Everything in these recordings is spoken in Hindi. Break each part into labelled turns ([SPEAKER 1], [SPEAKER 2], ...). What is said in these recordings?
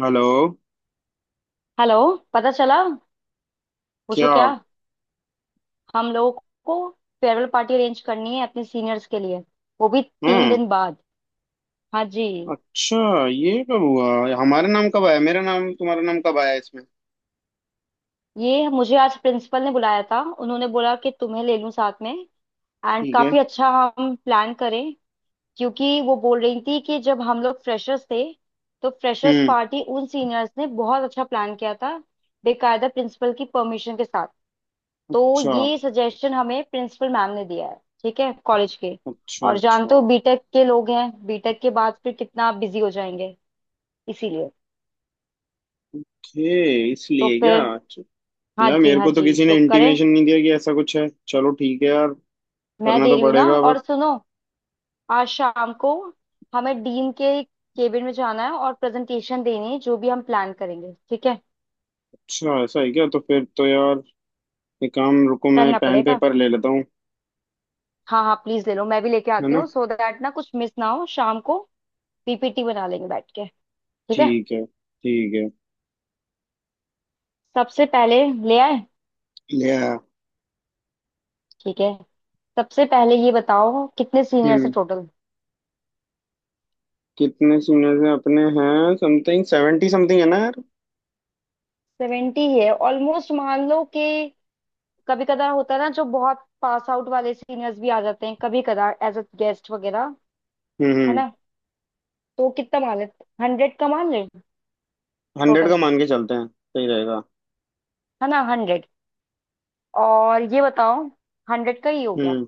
[SPEAKER 1] हेलो।
[SPEAKER 2] हेलो। पता चला? पूछो
[SPEAKER 1] क्या?
[SPEAKER 2] क्या। हम लोगों को फेयरवेल पार्टी अरेंज करनी है अपने सीनियर्स के लिए, वो भी तीन
[SPEAKER 1] हम्म।
[SPEAKER 2] दिन बाद। हाँ जी।
[SPEAKER 1] अच्छा, ये कब हुआ? हमारा नाम कब आया, मेरा नाम तुम्हारा नाम कब आया इसमें?
[SPEAKER 2] ये मुझे आज प्रिंसिपल ने बुलाया था, उन्होंने बोला कि तुम्हें ले लूं साथ में। एंड
[SPEAKER 1] ठीक है।
[SPEAKER 2] काफी अच्छा। हम प्लान करें, क्योंकि वो बोल रही थी कि जब हम लोग फ्रेशर्स थे तो फ्रेशर्स
[SPEAKER 1] हम्म।
[SPEAKER 2] पार्टी उन सीनियर्स ने बहुत अच्छा प्लान किया था, बेकायदा प्रिंसिपल की परमिशन के साथ। तो
[SPEAKER 1] अच्छा,
[SPEAKER 2] ये सजेशन हमें प्रिंसिपल मैम ने दिया है, ठीक है, कॉलेज के।
[SPEAKER 1] अच्छा,
[SPEAKER 2] और जानते
[SPEAKER 1] अच्छा।
[SPEAKER 2] हो बीटेक के लोग हैं, बीटेक के बाद फिर कितना बिजी हो जाएंगे, इसीलिए।
[SPEAKER 1] ओके,
[SPEAKER 2] तो
[SPEAKER 1] इसलिए क्या?
[SPEAKER 2] फिर
[SPEAKER 1] अच्छा।
[SPEAKER 2] हाँ
[SPEAKER 1] यार,
[SPEAKER 2] जी
[SPEAKER 1] मेरे
[SPEAKER 2] हाँ
[SPEAKER 1] को तो
[SPEAKER 2] जी,
[SPEAKER 1] किसी ने
[SPEAKER 2] तो करें।
[SPEAKER 1] इंटीमेशन नहीं दिया कि ऐसा कुछ है। चलो ठीक है यार,
[SPEAKER 2] मैं
[SPEAKER 1] करना
[SPEAKER 2] दे
[SPEAKER 1] तो
[SPEAKER 2] रही हूँ ना,
[SPEAKER 1] पड़ेगा
[SPEAKER 2] और
[SPEAKER 1] अब।
[SPEAKER 2] सुनो, आज शाम को हमें डीन के केबिन में जाना है और प्रेजेंटेशन देनी है जो भी हम प्लान करेंगे, ठीक है।
[SPEAKER 1] अच्छा ऐसा है क्या? तो फिर तो यार एक काम, रुको मैं
[SPEAKER 2] करना
[SPEAKER 1] पेन
[SPEAKER 2] पड़ेगा।
[SPEAKER 1] पेपर ले लेता हूँ।
[SPEAKER 2] हाँ हाँ, प्लीज ले लो, मैं भी लेके
[SPEAKER 1] है
[SPEAKER 2] आती
[SPEAKER 1] ना।
[SPEAKER 2] हूँ सो दैट ना कुछ मिस ना हो शाम को। पीपीटी बना लेंगे बैठ के, ठीक है।
[SPEAKER 1] ठीक है ठीक है।
[SPEAKER 2] सबसे पहले ले आए?
[SPEAKER 1] ले आया।
[SPEAKER 2] ठीक है, सबसे पहले ये बताओ कितने सीनियर्स है
[SPEAKER 1] हम्म।
[SPEAKER 2] टोटल।
[SPEAKER 1] कितने सीनियर से अपने हैं? समथिंग सेवेंटी समथिंग, है ना यार?
[SPEAKER 2] 70 है ऑलमोस्ट, मान लो कि कभी कदार होता है ना जो बहुत पास आउट वाले सीनियर्स भी आ जाते हैं कभी कदार एज अ गेस्ट वगैरह,
[SPEAKER 1] हम्म
[SPEAKER 2] है
[SPEAKER 1] हम्म।
[SPEAKER 2] ना। तो कितना मान ले, 100 का मान ले।
[SPEAKER 1] हंड्रेड का
[SPEAKER 2] टोटल
[SPEAKER 1] मान के चलते हैं, सही रहेगा।
[SPEAKER 2] है ना 100। और ये बताओ, 100 का ही हो गया।
[SPEAKER 1] हम्म।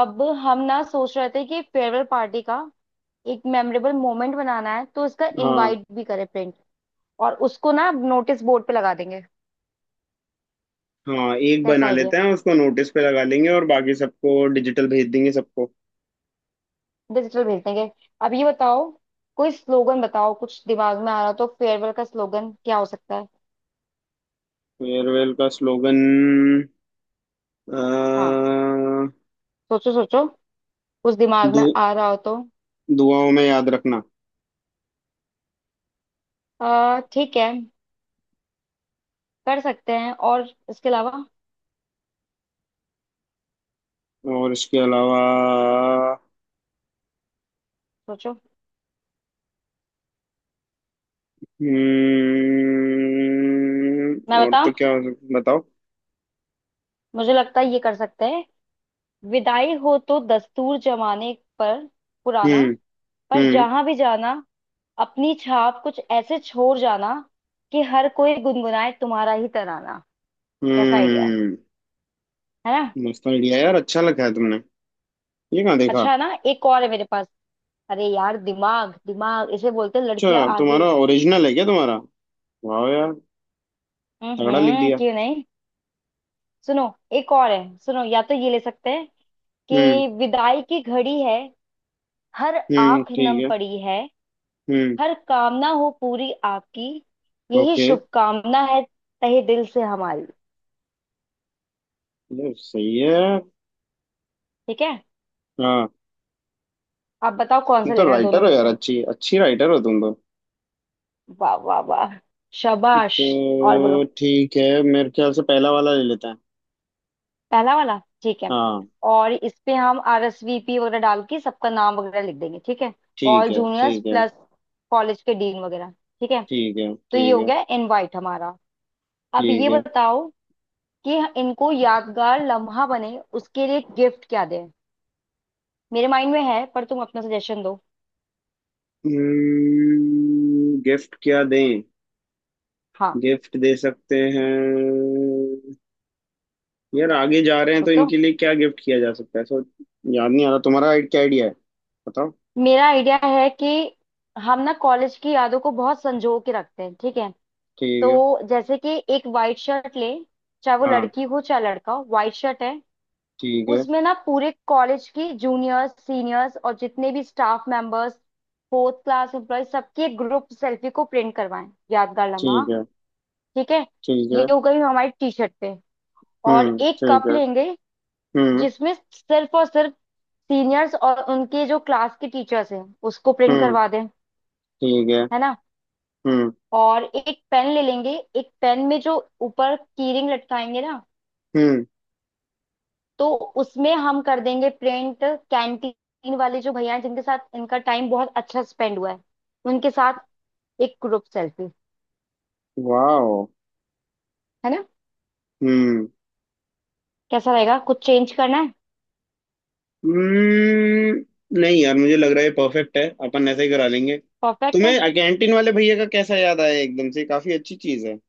[SPEAKER 2] अब हम ना सोच रहे थे कि फेयरवेल पार्टी का एक मेमोरेबल मोमेंट बनाना है, तो इसका
[SPEAKER 1] हाँ।
[SPEAKER 2] इनवाइट भी करें प्रिंट, और उसको ना नोटिस बोर्ड पे लगा देंगे।
[SPEAKER 1] हाँ एक बना
[SPEAKER 2] कैसा?
[SPEAKER 1] लेते हैं, उसको नोटिस पे लगा लेंगे और बाकी सबको डिजिटल भेज देंगे सबको।
[SPEAKER 2] डिजिटल भेज देंगे। अब ये बताओ, कोई स्लोगन बताओ, कुछ दिमाग में आ रहा हो तो। फेयरवेल का स्लोगन क्या हो सकता है?
[SPEAKER 1] फेयरवेल का स्लोगन।
[SPEAKER 2] हाँ,
[SPEAKER 1] दु,
[SPEAKER 2] सोचो सोचो, कुछ दिमाग में आ रहा हो तो।
[SPEAKER 1] दुआओं में याद रखना।
[SPEAKER 2] आ, ठीक है, कर सकते हैं। और इसके अलावा
[SPEAKER 1] और इसके अलावा।
[SPEAKER 2] सोचो। मैं
[SPEAKER 1] हम्म, और
[SPEAKER 2] बताऊं,
[SPEAKER 1] तो क्या बताओ।
[SPEAKER 2] मुझे लगता है ये कर सकते हैं। विदाई हो तो दस्तूर जमाने पर पुराना,
[SPEAKER 1] हम्म
[SPEAKER 2] पर
[SPEAKER 1] हम्म
[SPEAKER 2] जहां भी जाना अपनी छाप कुछ ऐसे छोड़ जाना कि हर कोई गुनगुनाए तुम्हारा ही तराना। कैसा आइडिया है
[SPEAKER 1] हम्म।
[SPEAKER 2] है ना।
[SPEAKER 1] मस्त आइडिया यार, अच्छा लगा है तुमने। ये कहाँ देखा?
[SPEAKER 2] अच्छा है ना, एक और है मेरे पास। अरे यार, दिमाग दिमाग इसे बोलते हैं, लड़कियां
[SPEAKER 1] अच्छा
[SPEAKER 2] आगे।
[SPEAKER 1] तुम्हारा ओरिजिनल है क्या तुम्हारा? वाह यार, तगड़ा लिख दिया।
[SPEAKER 2] क्यों नहीं। सुनो, एक और है सुनो, या तो ये ले सकते हैं।
[SPEAKER 1] हम्म
[SPEAKER 2] कि विदाई की घड़ी है, हर
[SPEAKER 1] हम्म।
[SPEAKER 2] आंख
[SPEAKER 1] ठीक
[SPEAKER 2] नम
[SPEAKER 1] है।
[SPEAKER 2] पड़ी है,
[SPEAKER 1] हम्म।
[SPEAKER 2] हर कामना हो पूरी आपकी यही
[SPEAKER 1] ओके।
[SPEAKER 2] शुभकामना है तहे दिल से हमारी।
[SPEAKER 1] यार सही है यार।
[SPEAKER 2] ठीक है,
[SPEAKER 1] हाँ।
[SPEAKER 2] आप बताओ कौन
[SPEAKER 1] तुम
[SPEAKER 2] सा
[SPEAKER 1] तो
[SPEAKER 2] लेना है
[SPEAKER 1] राइटर
[SPEAKER 2] दोनों
[SPEAKER 1] हो
[SPEAKER 2] में
[SPEAKER 1] यार,
[SPEAKER 2] से।
[SPEAKER 1] अच्छी अच्छी राइटर हो तुम तो।
[SPEAKER 2] वाह वाह वाह, शाबाश। और
[SPEAKER 1] तो
[SPEAKER 2] बोलो,
[SPEAKER 1] ठीक है, मेरे ख्याल से पहला वाला ले लेते हैं।
[SPEAKER 2] पहला वाला ठीक है।
[SPEAKER 1] हाँ।
[SPEAKER 2] और इस पे हम RSVP वगैरह डाल के सबका नाम वगैरह लिख देंगे, ठीक है। ऑल
[SPEAKER 1] ठीक है
[SPEAKER 2] जूनियर्स
[SPEAKER 1] ठीक है।
[SPEAKER 2] प्लस कॉलेज के डीन वगैरह, ठीक है।
[SPEAKER 1] ठीक है
[SPEAKER 2] तो ये
[SPEAKER 1] ठीक
[SPEAKER 2] हो
[SPEAKER 1] है।
[SPEAKER 2] गया इनवाइट हमारा। अब
[SPEAKER 1] ठीक
[SPEAKER 2] ये
[SPEAKER 1] है।
[SPEAKER 2] बताओ कि इनको यादगार लम्हा बने, उसके लिए गिफ्ट क्या दें। मेरे माइंड में है, पर तुम अपना सजेशन दो।
[SPEAKER 1] हम्म, गिफ्ट क्या दें?
[SPEAKER 2] हाँ
[SPEAKER 1] गिफ्ट दे सकते हैं। यार आगे जा रहे हैं तो
[SPEAKER 2] सोचो।
[SPEAKER 1] इनके लिए क्या गिफ्ट किया जा सकता है, सो याद नहीं आ रहा। तुम्हारा क्या आइडिया है, बताओ।
[SPEAKER 2] मेरा आइडिया है कि हम ना कॉलेज की यादों को बहुत संजो के रखते हैं, ठीक है।
[SPEAKER 1] ठीक है।
[SPEAKER 2] तो जैसे कि एक वाइट शर्ट ले, चाहे वो
[SPEAKER 1] हाँ।
[SPEAKER 2] लड़की हो चाहे लड़का हो, वाइट शर्ट है।
[SPEAKER 1] ठीक है।
[SPEAKER 2] उसमें ना पूरे कॉलेज की जूनियर्स सीनियर्स और जितने भी staff members fourth class employ सबकी एक ग्रुप सेल्फी को प्रिंट करवाएं, यादगार लम्हा।
[SPEAKER 1] ठीक है।
[SPEAKER 2] ठीक है,
[SPEAKER 1] ठीक
[SPEAKER 2] ये
[SPEAKER 1] है।
[SPEAKER 2] हो गई हमारी टी शर्ट पे। और
[SPEAKER 1] हम्म।
[SPEAKER 2] एक
[SPEAKER 1] ठीक
[SPEAKER 2] कप
[SPEAKER 1] है।
[SPEAKER 2] लेंगे,
[SPEAKER 1] हम्म
[SPEAKER 2] जिसमें सिर्फ और सिर्फ सीनियर्स और उनके जो क्लास के टीचर्स हैं, उसको प्रिंट
[SPEAKER 1] हम्म।
[SPEAKER 2] करवा दें,
[SPEAKER 1] ठीक है।
[SPEAKER 2] है ना।
[SPEAKER 1] हम्म।
[SPEAKER 2] और एक पेन ले लेंगे, एक पेन में जो ऊपर कीरिंग लटकाएंगे ना,
[SPEAKER 1] हम्म।
[SPEAKER 2] तो उसमें हम कर देंगे प्रिंट कैंटीन वाले जो भैया हैं जिनके साथ इनका टाइम बहुत अच्छा स्पेंड हुआ है, उनके साथ एक ग्रुप सेल्फी,
[SPEAKER 1] वाओ।
[SPEAKER 2] है ना।
[SPEAKER 1] हम्म।
[SPEAKER 2] कैसा रहेगा, कुछ चेंज करना है?
[SPEAKER 1] हम्म, नहीं यार मुझे लग रहा है ये परफेक्ट है, अपन ऐसा ही करा लेंगे।
[SPEAKER 2] परफेक्ट है।
[SPEAKER 1] तुम्हें कैंटीन वाले भैया का कैसा याद आया एकदम से? काफी अच्छी चीज है।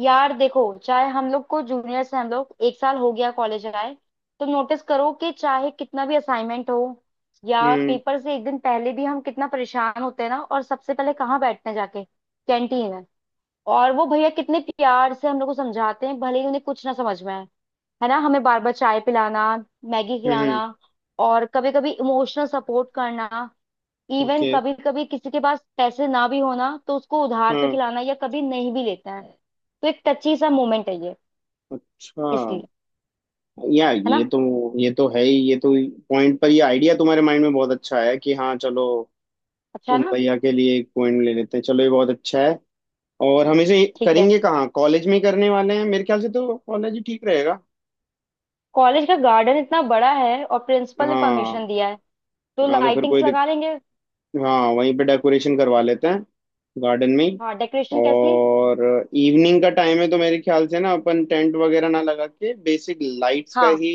[SPEAKER 2] यार देखो, चाहे हम लोग को जूनियर से हम लोग एक साल हो गया कॉलेज आए, तो नोटिस करो कि चाहे कितना भी असाइनमेंट हो या
[SPEAKER 1] हम्म
[SPEAKER 2] पेपर से एक दिन पहले भी, हम कितना परेशान होते हैं ना, और सबसे पहले कहाँ बैठते हैं जाके, कैंटीन में। और वो भैया कितने प्यार से हम लोग को समझाते हैं, भले ही उन्हें कुछ ना समझ में आए, है ना। हमें बार बार चाय पिलाना, मैगी
[SPEAKER 1] हम्म।
[SPEAKER 2] खिलाना, और कभी कभी इमोशनल सपोर्ट करना, इवन
[SPEAKER 1] ओके।
[SPEAKER 2] कभी कभी किसी के पास पैसे ना भी होना तो उसको उधार पे
[SPEAKER 1] हाँ।
[SPEAKER 2] खिलाना, या कभी नहीं भी लेता है। तो एक टची सा मोमेंट है ये,
[SPEAKER 1] अच्छा।
[SPEAKER 2] इसलिए,
[SPEAKER 1] यार
[SPEAKER 2] है
[SPEAKER 1] ये
[SPEAKER 2] ना।
[SPEAKER 1] तो, ये तो है ही, ये तो पॉइंट पर, ये आइडिया तुम्हारे माइंड में बहुत अच्छा है कि हाँ चलो
[SPEAKER 2] अच्छा है
[SPEAKER 1] उन
[SPEAKER 2] ना।
[SPEAKER 1] भैया के लिए एक पॉइंट ले लेते हैं। चलो ये बहुत अच्छा है। और हम इसे
[SPEAKER 2] ठीक है,
[SPEAKER 1] करेंगे कहाँ? कॉलेज में ही करने वाले हैं मेरे ख्याल से, तो कॉलेज ही ठीक रहेगा।
[SPEAKER 2] कॉलेज का गार्डन इतना बड़ा है और प्रिंसिपल ने परमिशन
[SPEAKER 1] हाँ।
[SPEAKER 2] दिया है, तो
[SPEAKER 1] हाँ तो फिर
[SPEAKER 2] लाइटिंग्स
[SPEAKER 1] कोई
[SPEAKER 2] लगा लेंगे।
[SPEAKER 1] हाँ वहीं पे डेकोरेशन करवा लेते हैं, गार्डन में ही।
[SPEAKER 2] हाँ, डेकोरेशन कैसी?
[SPEAKER 1] और इवनिंग का टाइम है तो मेरे ख्याल से ना अपन टेंट वगैरह ना लगा के बेसिक लाइट्स का
[SPEAKER 2] हाँ
[SPEAKER 1] ही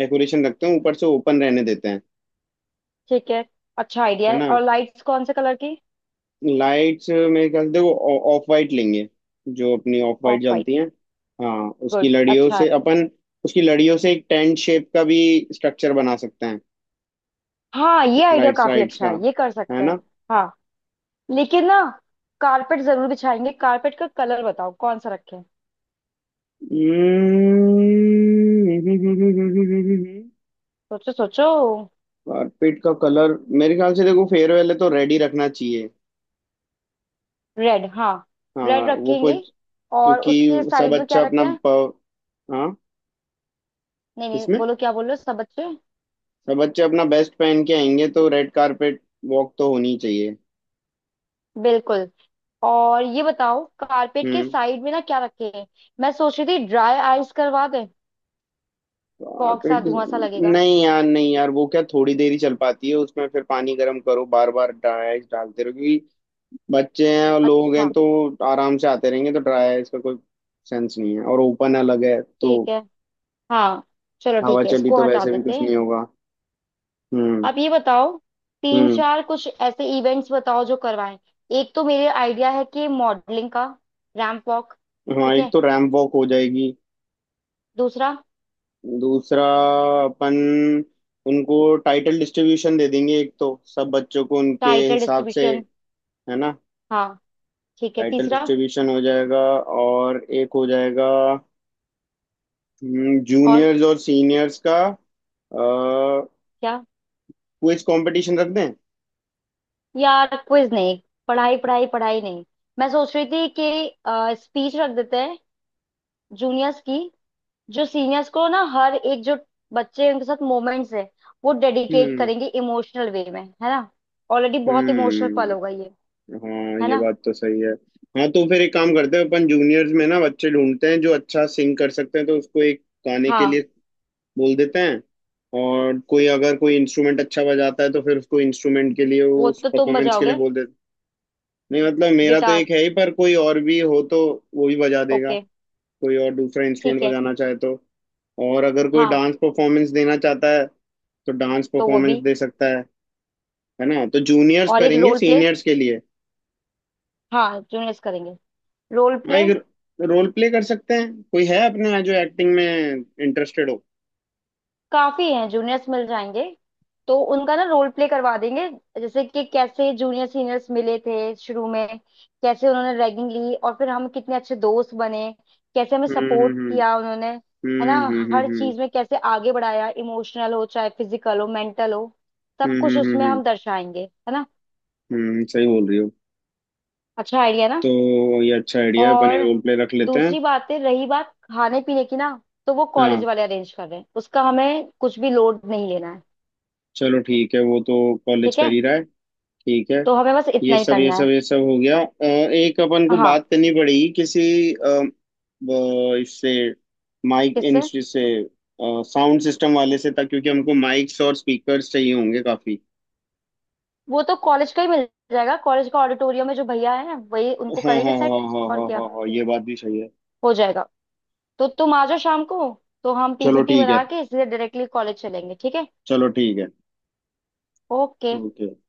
[SPEAKER 1] डेकोरेशन रखते हैं, ऊपर से ओपन रहने देते हैं।
[SPEAKER 2] ठीक है, अच्छा आइडिया
[SPEAKER 1] है
[SPEAKER 2] है।
[SPEAKER 1] ना।
[SPEAKER 2] और लाइट्स कौन से कलर की?
[SPEAKER 1] लाइट्स मेरे ख्याल से देखो ऑफ वाइट लेंगे, जो अपनी ऑफ वाइट
[SPEAKER 2] ऑफ वाइट,
[SPEAKER 1] जलती हैं। हाँ उसकी
[SPEAKER 2] गुड,
[SPEAKER 1] लड़ियों
[SPEAKER 2] अच्छा है।
[SPEAKER 1] से अपन, उसकी लड़ियों से एक टेंट शेप का भी स्ट्रक्चर बना सकते हैं।
[SPEAKER 2] हाँ ये आइडिया
[SPEAKER 1] सेटेलाइट्स
[SPEAKER 2] काफी
[SPEAKER 1] राइट्स
[SPEAKER 2] अच्छा
[SPEAKER 1] का।
[SPEAKER 2] है, ये कर
[SPEAKER 1] है
[SPEAKER 2] सकते
[SPEAKER 1] ना।
[SPEAKER 2] हैं। हाँ लेकिन ना, कारपेट जरूर बिछाएंगे, कारपेट का कलर बताओ कौन सा रखें।
[SPEAKER 1] हम्म,
[SPEAKER 2] सोचो सोचो।
[SPEAKER 1] कारपेट का कलर मेरे ख्याल से देखो, फेयरवेल है तो रेड ही रखना चाहिए।
[SPEAKER 2] रेड, हाँ, रेड
[SPEAKER 1] हाँ वो
[SPEAKER 2] रखेंगे।
[SPEAKER 1] कुछ।
[SPEAKER 2] और उसके
[SPEAKER 1] क्योंकि सब
[SPEAKER 2] साइड में क्या
[SPEAKER 1] अच्छा अपना
[SPEAKER 2] रखें?
[SPEAKER 1] हाँ।
[SPEAKER 2] नहीं नहीं,
[SPEAKER 1] किसमें?
[SPEAKER 2] बोलो, क्या बोल रहे हो सब बच्चे।
[SPEAKER 1] सब बच्चे अपना बेस्ट पहन के आएंगे, तो रेड कारपेट वॉक तो होनी चाहिए।
[SPEAKER 2] बिल्कुल। और ये बताओ कारपेट के
[SPEAKER 1] हम्म।
[SPEAKER 2] साइड में ना क्या रखें। मैं सोच रही थी ड्राई आइस करवा दें, फॉग सा
[SPEAKER 1] कारपेट।
[SPEAKER 2] धुआं सा लगेगा।
[SPEAKER 1] नहीं यार, नहीं यार, वो क्या थोड़ी देर ही चल पाती है? उसमें फिर पानी गर्म करो, बार बार डाइस डालते रहो, क्योंकि बच्चे हैं और लोग हैं,
[SPEAKER 2] अच्छा
[SPEAKER 1] तो आराम से आते रहेंगे। तो ड्राई है, इसका कोई सेंस नहीं है। और ओपन अलग है, तो
[SPEAKER 2] ठीक है, हाँ, चलो
[SPEAKER 1] हवा
[SPEAKER 2] ठीक है,
[SPEAKER 1] चली
[SPEAKER 2] इसको
[SPEAKER 1] तो
[SPEAKER 2] हटा
[SPEAKER 1] वैसे भी
[SPEAKER 2] देते
[SPEAKER 1] कुछ
[SPEAKER 2] हैं।
[SPEAKER 1] नहीं होगा। हम्म।
[SPEAKER 2] आप ये बताओ, तीन
[SPEAKER 1] हम्म।
[SPEAKER 2] चार कुछ ऐसे इवेंट्स बताओ जो करवाएं। एक तो मेरे आइडिया है कि मॉडलिंग का रैंप वॉक।
[SPEAKER 1] हाँ
[SPEAKER 2] ठीक
[SPEAKER 1] एक
[SPEAKER 2] है,
[SPEAKER 1] तो रैंप वॉक हो जाएगी।
[SPEAKER 2] दूसरा?
[SPEAKER 1] दूसरा, अपन उनको टाइटल डिस्ट्रीब्यूशन दे देंगे, एक तो सब बच्चों को उनके
[SPEAKER 2] टाइटल
[SPEAKER 1] हिसाब से।
[SPEAKER 2] डिस्ट्रीब्यूशन,
[SPEAKER 1] है ना।
[SPEAKER 2] हाँ ठीक है।
[SPEAKER 1] टाइटल
[SPEAKER 2] तीसरा?
[SPEAKER 1] डिस्ट्रीब्यूशन हो जाएगा। और एक हो जाएगा
[SPEAKER 2] और
[SPEAKER 1] जूनियर्स और सीनियर्स का, क्विज
[SPEAKER 2] क्या?
[SPEAKER 1] कंपटीशन रख दें।
[SPEAKER 2] यार क्विज नहीं, पढ़ाई पढ़ाई पढ़ाई नहीं। मैं सोच रही थी कि स्पीच रख देते हैं जूनियर्स की, जो सीनियर्स को ना हर एक जो बच्चे हैं, उनके साथ मोमेंट्स है वो डेडिकेट
[SPEAKER 1] हम्म
[SPEAKER 2] करेंगे इमोशनल वे में, है ना। ऑलरेडी बहुत इमोशनल पल होगा
[SPEAKER 1] हम्म।
[SPEAKER 2] ये,
[SPEAKER 1] हाँ
[SPEAKER 2] है
[SPEAKER 1] ये
[SPEAKER 2] ना।
[SPEAKER 1] बात तो सही है। हाँ तो फिर एक काम करते हैं, अपन जूनियर्स में ना बच्चे ढूंढते हैं जो अच्छा सिंग कर सकते हैं, तो उसको एक गाने के लिए
[SPEAKER 2] हाँ।
[SPEAKER 1] बोल देते हैं। और कोई अगर कोई इंस्ट्रूमेंट अच्छा बजाता है तो फिर उसको इंस्ट्रूमेंट के लिए,
[SPEAKER 2] वो
[SPEAKER 1] उस
[SPEAKER 2] तो तुम
[SPEAKER 1] परफॉर्मेंस के लिए
[SPEAKER 2] बजाओगे,
[SPEAKER 1] बोल देते। नहीं मतलब मेरा तो
[SPEAKER 2] गिटार।
[SPEAKER 1] एक है ही, पर कोई और भी हो तो वो भी बजा देगा,
[SPEAKER 2] ओके,
[SPEAKER 1] कोई और दूसरा इंस्ट्रूमेंट
[SPEAKER 2] ठीक है।
[SPEAKER 1] बजाना चाहे तो। और अगर कोई
[SPEAKER 2] हाँ
[SPEAKER 1] डांस परफॉर्मेंस देना चाहता है तो डांस
[SPEAKER 2] तो वो
[SPEAKER 1] परफॉर्मेंस
[SPEAKER 2] भी।
[SPEAKER 1] दे सकता है। है ना? तो जूनियर्स
[SPEAKER 2] और एक
[SPEAKER 1] करेंगे
[SPEAKER 2] रोल प्ले।
[SPEAKER 1] सीनियर्स के लिए।
[SPEAKER 2] हाँ जूनियर्स करेंगे रोल
[SPEAKER 1] हाँ
[SPEAKER 2] प्ले।
[SPEAKER 1] एक रोल प्ले कर सकते हैं, कोई है अपने यहाँ जो एक्टिंग में इंटरेस्टेड हो।
[SPEAKER 2] काफी हैं जूनियर्स, मिल जाएंगे, तो उनका ना रोल प्ले करवा देंगे। जैसे कि कैसे जूनियर सीनियर्स मिले थे शुरू में, कैसे उन्होंने रैगिंग ली और फिर हम कितने अच्छे दोस्त बने, कैसे हमें सपोर्ट
[SPEAKER 1] हम्म
[SPEAKER 2] किया उन्होंने, है ना। हर
[SPEAKER 1] हम्म।
[SPEAKER 2] चीज में कैसे आगे बढ़ाया, इमोशनल हो चाहे फिजिकल हो मेंटल हो, सब कुछ
[SPEAKER 1] हम्म।
[SPEAKER 2] उसमें हम दर्शाएंगे, है ना।
[SPEAKER 1] सही बोल रही हो।
[SPEAKER 2] अच्छा आइडिया ना।
[SPEAKER 1] तो ये अच्छा आइडिया है, अपन एक
[SPEAKER 2] और
[SPEAKER 1] रोल प्ले रख लेते हैं।
[SPEAKER 2] दूसरी बात है, रही बात खाने पीने की ना, तो वो
[SPEAKER 1] हाँ
[SPEAKER 2] कॉलेज वाले अरेंज कर रहे हैं, उसका हमें कुछ भी लोड नहीं लेना है।
[SPEAKER 1] चलो ठीक है वो तो, कॉलेज
[SPEAKER 2] ठीक है,
[SPEAKER 1] कर ही रहा है। ठीक है।
[SPEAKER 2] तो हमें बस
[SPEAKER 1] ये
[SPEAKER 2] इतना ही
[SPEAKER 1] सब ये
[SPEAKER 2] करना
[SPEAKER 1] सब
[SPEAKER 2] है।
[SPEAKER 1] ये सब हो गया। एक अपन को
[SPEAKER 2] हाँ।
[SPEAKER 1] बात करनी पड़ेगी किसी वो इससे, माइक इन
[SPEAKER 2] किससे?
[SPEAKER 1] से, साउंड सिस्टम वाले से था, क्योंकि हमको माइक्स और स्पीकर्स चाहिए होंगे काफी।
[SPEAKER 2] वो तो कॉलेज का ही मिल जाएगा, कॉलेज का ऑडिटोरियम में जो भैया है वही उनको
[SPEAKER 1] हाँ
[SPEAKER 2] करेंगे
[SPEAKER 1] हाँ हाँ।
[SPEAKER 2] सेट।
[SPEAKER 1] हाँ
[SPEAKER 2] और
[SPEAKER 1] हाँ
[SPEAKER 2] क्या,
[SPEAKER 1] हाँ हाँ ये बात भी सही है।
[SPEAKER 2] हो जाएगा। तो तुम आ जाओ शाम को, तो हम
[SPEAKER 1] चलो
[SPEAKER 2] पीपीटी
[SPEAKER 1] ठीक है।
[SPEAKER 2] बना के इसलिए डायरेक्टली कॉलेज चलेंगे, ठीक है।
[SPEAKER 1] चलो ठीक है।
[SPEAKER 2] ओके।
[SPEAKER 1] ओके।